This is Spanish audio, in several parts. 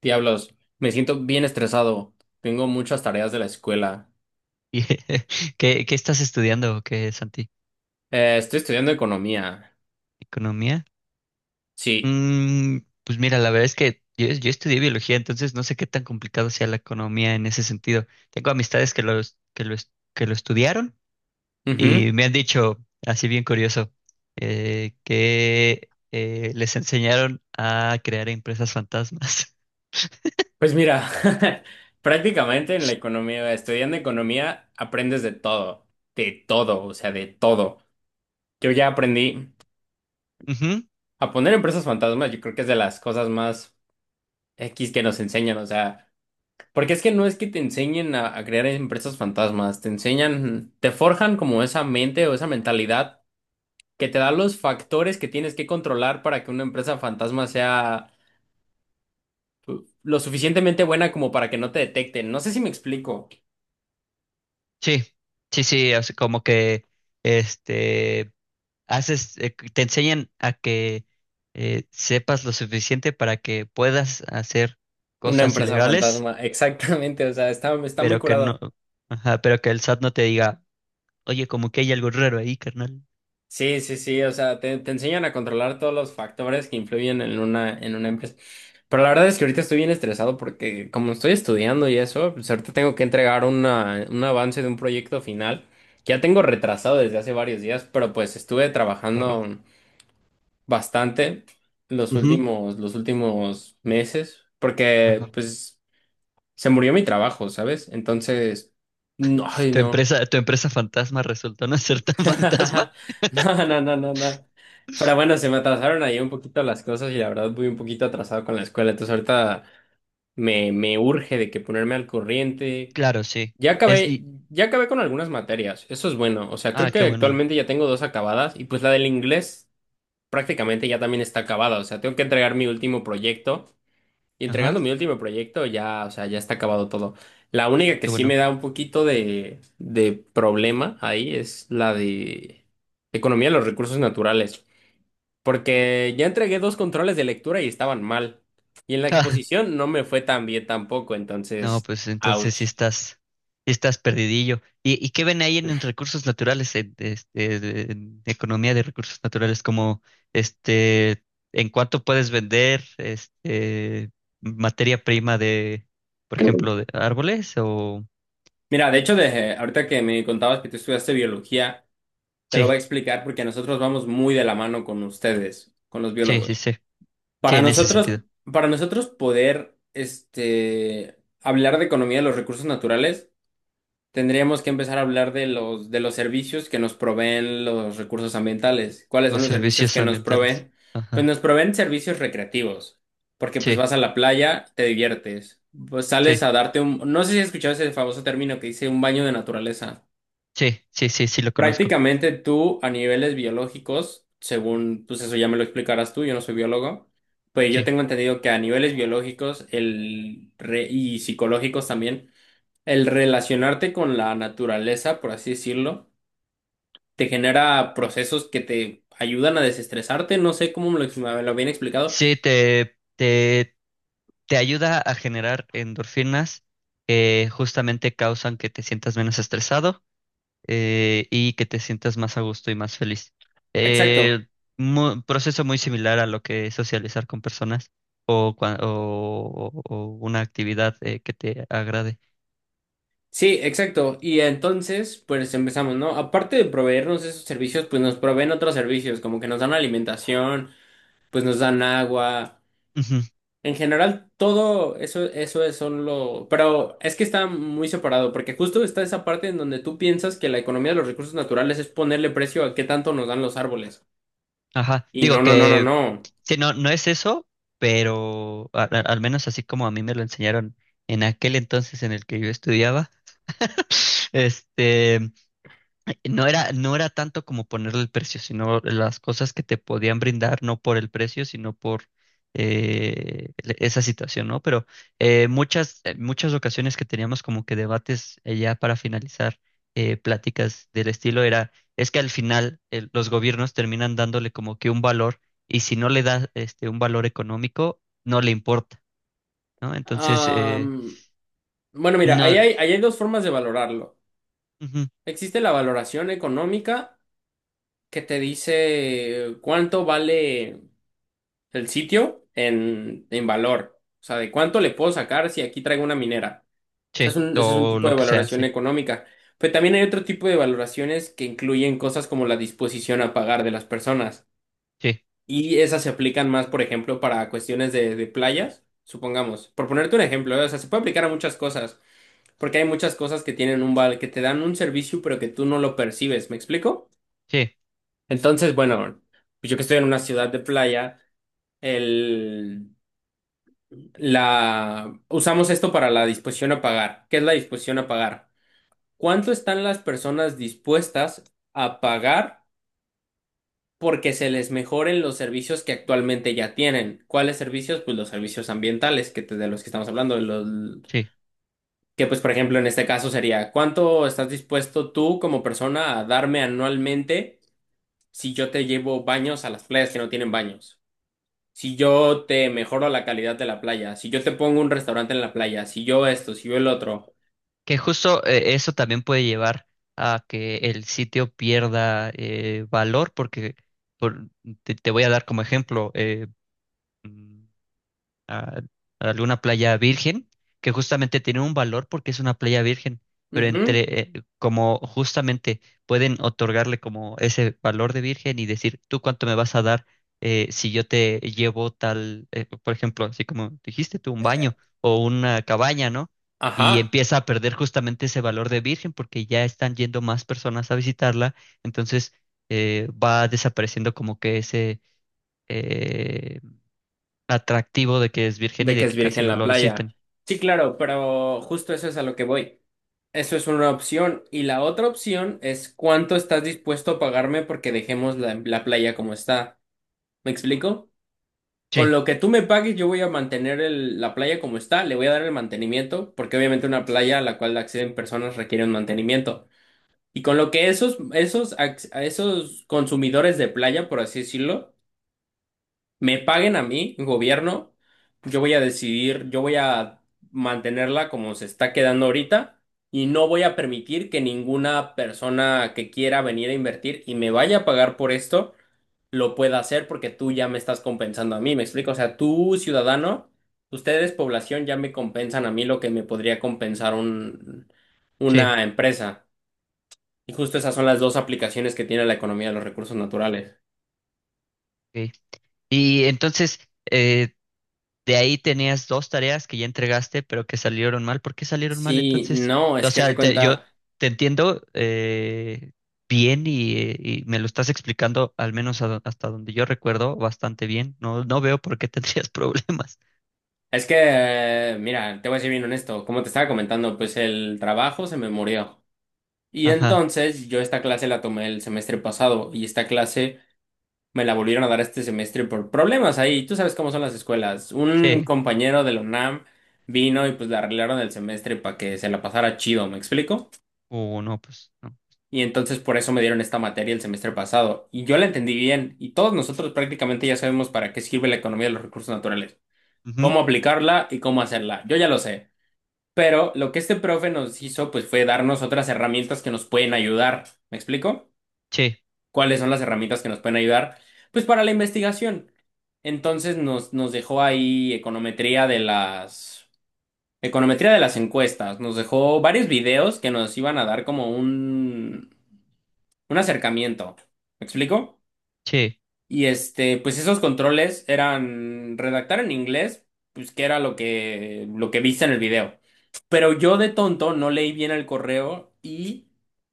Diablos, me siento bien estresado. Tengo muchas tareas de la escuela. Y- ¿qué estás estudiando, o qué, Santi? Estoy estudiando economía. ¿Economía? Sí. Mm, pues mira, la verdad es que yo estudié biología, entonces no sé qué tan complicado sea la economía en ese sentido. Tengo amistades que lo estudiaron Ujú. y me han dicho, así bien curioso, que les enseñaron a crear empresas fantasmas. Pues mira, prácticamente en la economía, estudiando economía, aprendes de todo. De todo, o sea, de todo. Yo ya aprendí Ujú. a poner empresas fantasmas. Yo creo que es de las cosas más X que nos enseñan. O sea, porque es que no es que te enseñen a crear empresas fantasmas. Te enseñan, te forjan como esa mente o esa mentalidad que te da los factores que tienes que controlar para que una empresa fantasma sea lo suficientemente buena como para que no te detecten. No sé si me explico. Sí, sí, sí, o sea, como que este... haces, te enseñan a que sepas lo suficiente para que puedas hacer Una cosas empresa ilegales, fantasma, exactamente, o sea, está, está muy pero que curado. no, ajá, pero que el SAT no te diga, oye, como que hay algo raro ahí, carnal. Sí, sí, sí, o sea, te enseñan a controlar todos los factores que influyen en una empresa. Pero la verdad es que ahorita estoy bien estresado porque como estoy estudiando y eso, pues ahorita tengo que entregar una, un avance de un proyecto final que ya tengo retrasado desde hace varios días, pero pues estuve Claro. trabajando bastante Ujú. Los últimos meses, porque Ajá. pues se murió mi trabajo, ¿sabes? Entonces, no, ay, Tu no. empresa, tu empresa fantasma resultó no ser tan fantasma. No, no, no, no, no. Pero bueno, se me atrasaron ahí un poquito las cosas y la verdad voy un poquito atrasado con la escuela, entonces ahorita me urge de que ponerme al corriente. Claro, sí. Ya Es acabé, y ya acabé con algunas materias, eso es bueno, o sea, Ah, creo que qué bueno. actualmente ya tengo dos acabadas y pues la del inglés prácticamente ya también está acabada, o sea, tengo que entregar mi último proyecto. Y Ajá, entregando mi último proyecto, ya, o sea, ya está acabado todo. La única que qué sí me bueno. da un poquito de problema ahí es la de economía de los recursos naturales, porque ya entregué dos controles de lectura y estaban mal. Y en la exposición no me fue tan bien tampoco, No, entonces, pues entonces ouch. sí estás perdidillo. ¿Y qué ven ahí en recursos naturales, en economía de recursos naturales, como este, en cuánto puedes vender materia prima de, por ejemplo, de árboles o Mira, de hecho, de, ahorita que me contabas que tú estudiaste biología, te lo voy a sí, explicar porque nosotros vamos muy de la mano con ustedes, con los sí, sí, biólogos. sí, sí, Para en ese nosotros, sentido, para nosotros poder este, hablar de economía de los recursos naturales, tendríamos que empezar a hablar de los servicios que nos proveen los recursos ambientales. ¿Cuáles son los los servicios servicios que nos ambientales. proveen? Pues Ajá. nos proveen servicios recreativos, porque pues Sí, vas a la playa, te diviertes, pues sales sí, a darte un… No sé si has escuchado ese famoso término que dice un baño de naturaleza. sí, sí, sí, sí lo conozco. Prácticamente tú a niveles biológicos, según, pues eso ya me lo explicarás tú, yo no soy biólogo, pues yo Sí. tengo entendido que a niveles biológicos el re- y psicológicos también, el relacionarte con la naturaleza, por así decirlo, te genera procesos que te ayudan a desestresarte, no sé cómo me lo habían explicado. Sí, te ayuda a generar endorfinas que justamente causan que te sientas menos estresado y que te sientas más a gusto y más feliz. Exacto, Eh, Proceso muy similar a lo que es socializar con personas o, cua- o una actividad que te agrade. sí, exacto. Y entonces, pues empezamos, ¿no? Aparte de proveernos esos servicios, pues nos proveen otros servicios, como que nos dan alimentación, pues nos dan agua. Ujú. En general, todo eso, eso es solo. Pero es que está muy separado, porque justo está esa parte en donde tú piensas que la economía de los recursos naturales es ponerle precio a qué tanto nos dan los árboles. Ajá, Y no, digo no, no, no, que no. sí, no, no es eso, pero al menos así como a mí me lo enseñaron en aquel entonces en el que yo estudiaba, este... no era tanto como ponerle el precio, sino las cosas que te podían brindar, no por el precio, sino por esa situación, ¿no? Pero muchas ocasiones que teníamos como que debates ya para finalizar pláticas del estilo era, es que al final los gobiernos terminan dándole como que un valor y si no le da un valor económico, no le importa, ¿no? Entonces, Am, bueno, mira, ahí no, hay, ahí hay dos formas de valorarlo. ujú, Existe la valoración económica que te dice cuánto vale el sitio en valor. O sea, de cuánto le puedo sacar si aquí traigo una minera. Sea, es sí, un, ese es un o tipo lo de que sea, valoración sí, económica. Pero también hay otro tipo de valoraciones que incluyen cosas como la disposición a pagar de las personas. sí, Y esas se aplican más, por ejemplo, para cuestiones de playas, supongamos. Por ponerte un ejemplo, ¿eh? O sea, se puede aplicar a muchas cosas, porque hay muchas cosas que tienen un val, que te dan un servicio, pero que tú no lo percibes, ¿me explico? sí, Entonces, bueno, pues yo que estoy en una ciudad de playa, el, la, usamos esto para la disposición a pagar. ¿Qué es la disposición a pagar? ¿Cuánto están las personas dispuestas a pagar porque se les mejoren los servicios que actualmente ya tienen? ¿Cuáles servicios? Pues los servicios ambientales que te- de los que estamos hablando, los, sí. que pues por ejemplo en este caso sería, ¿cuánto estás dispuesto tú como persona a darme anualmente si yo te llevo baños a las playas que no tienen baños? Si yo te mejoro la calidad de la playa, si yo te pongo un restaurante en la playa, si yo esto, si yo el otro. Que justo eso también puede llevar a que el sitio pierda valor, porque por- te voy a dar como ejemplo, mm, a, a alguna playa virgen, que justamente tiene un valor porque es una playa virgen, pero Ujú. Como justamente pueden otorgarle como ese valor de virgen y decir, ¿tú cuánto me vas a dar si yo te llevo tal, por ejemplo, así como dijiste tú, un baño o una cabaña, ¿no? Y Ajá. empieza a perder justamente ese valor de virgen porque ya están yendo más personas a visitarla, entonces va desapareciendo como que ese, eh, atractivo de que es virgen y De que de es que casi virgen no la lo playa. visiten. Sí, claro, pero justo eso es a lo que voy. Eso es una opción. Y la otra opción es cuánto estás dispuesto a pagarme porque dejemos la, la playa como está. ¿Me explico? Con Sí, lo que tú me pagues, yo voy a mantener el- la playa como está, le voy a dar el mantenimiento, porque obviamente una playa a la cual acceden personas requiere un mantenimiento. Y con lo que esos, esos, ac- a esos consumidores de playa, por así decirlo, me paguen a mí, gobierno, yo voy a decidir, yo voy a mantenerla como se está quedando ahorita y no voy a permitir que ninguna persona que quiera venir a invertir y me vaya a pagar por esto lo pueda hacer porque tú ya me estás compensando a mí, ¿me explico? O sea, tú, ciudadano, ustedes, población, ya me compensan a mí lo que me podría compensar un, sí. una empresa. Y justo esas son las dos aplicaciones que tiene la economía de los recursos naturales. Ok. Y entonces, eh, de ahí tenías dos tareas que ya entregaste, pero que salieron mal. ¿Por qué salieron mal Sí, entonces? no, es O que se sea, yo cuenta. te entiendo bien y me lo estás explicando, al menos hasta donde yo recuerdo, bastante bien. No, no veo por qué tendrías problemas. Es que, mira, te voy a ser bien honesto. Como te estaba comentando, pues el trabajo se me murió. Y Ajá, entonces yo esta clase la tomé el semestre pasado y esta clase me la volvieron a dar este semestre por problemas ahí. Tú sabes cómo son las escuelas. Un sí. compañero de la UNAM vino y pues le arreglaron el semestre para que se la pasara chido, ¿me explico? O no, pues no. Y entonces por eso me dieron esta materia el semestre pasado. Y yo la entendí bien y todos nosotros prácticamente ya sabemos para qué sirve la economía de los recursos naturales, Ujú. cómo aplicarla y cómo hacerla. Yo ya lo sé. Pero lo que este profe nos hizo, pues fue darnos otras herramientas que nos pueden ayudar. ¿Me explico? Sí, ¿Cuáles son las herramientas que nos pueden ayudar? Pues para la investigación. Entonces nos dejó ahí econometría de las… Econometría de las encuestas. Nos dejó varios videos que nos iban a dar como un… un acercamiento. ¿Me explico? sí. Y este, pues esos controles eran redactar en inglés, pues que era lo que viste en el video. Pero yo de tonto no leí bien el correo y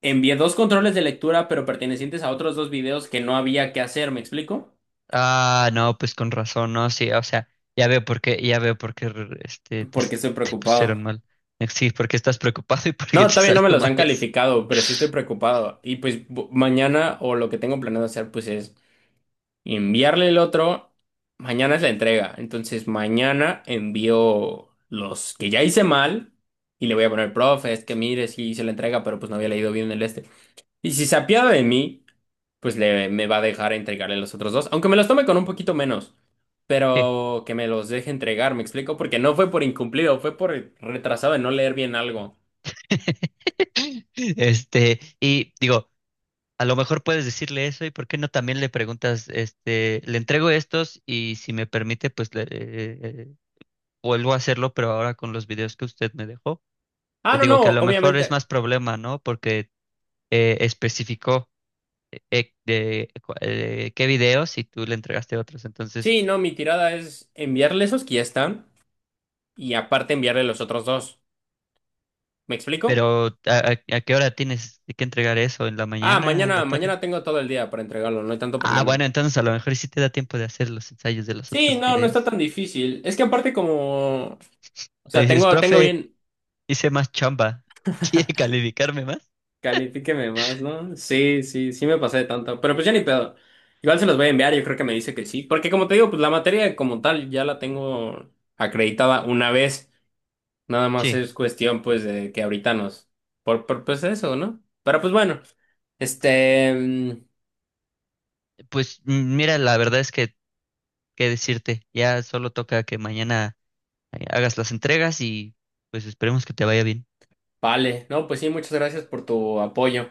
envié dos controles de lectura, pero pertenecientes a otros dos videos que no había que hacer, ¿me explico? Ah, no, pues con razón, no, sí, o sea, ya veo por qué este, te, Porque estoy te preocupado. pusieron mal. Sí, porque estás preocupado y porque No, te todavía no salió me los mal han eso. calificado, pero sí estoy preocupado. Y pues bu- mañana o lo que tengo planeado hacer pues es enviarle el otro. Mañana es la entrega, entonces mañana envío los que ya hice mal y le voy a poner, profe, es que mire, sí hice la entrega, pero pues no había leído bien el este. Y si se apiada de mí pues le, me va a dejar entregarle los otros dos, aunque me los tome con un poquito menos, Sí. pero que me los deje entregar, ¿me explico? Porque no fue por incumplido, fue por retrasado en no leer bien algo. Y digo, a lo mejor puedes decirle eso y por qué no también le preguntas, le entrego estos y si me permite, pues le, vuelvo a hacerlo, pero ahora con los videos que usted me dejó. Ah, no, Digo que a no, lo mejor es obviamente. más problema, ¿no? Porque especificó qué video si tú le entregaste otros. Entonces, Sí, no, mi tirada es enviarle esos que ya están y aparte enviarle los otros dos. ¿Me explico? pero a qué hora tienes que entregar eso? ¿En la Ah, mañana? ¿En mañana, la tarde? mañana tengo todo el día para entregarlo, no hay tanto Ah, problema. bueno, entonces a lo mejor sí te da tiempo de hacer los ensayos de los Sí, otros no, no está videos. tan difícil. Es que aparte como, o Le sea, dices, tengo, tengo profe, bien. hice más chamba. ¿Quiere calificarme más? Califíqueme más, ¿no? Sí, sí, sí me pasé de tanto. Pero pues ya ni pedo. Igual se los voy a enviar, yo creo que me dice que sí. Porque como te digo, pues la materia como tal ya la tengo acreditada una vez. Nada más Sí, es cuestión pues de que ahorita nos… por pues eso, ¿no? Pero pues bueno. Este… mm, pues mira, la verdad es que, qué decirte, ya solo toca que mañana hagas las entregas y pues esperemos que te vaya bien. vale, no, pues sí, muchas gracias por tu apoyo.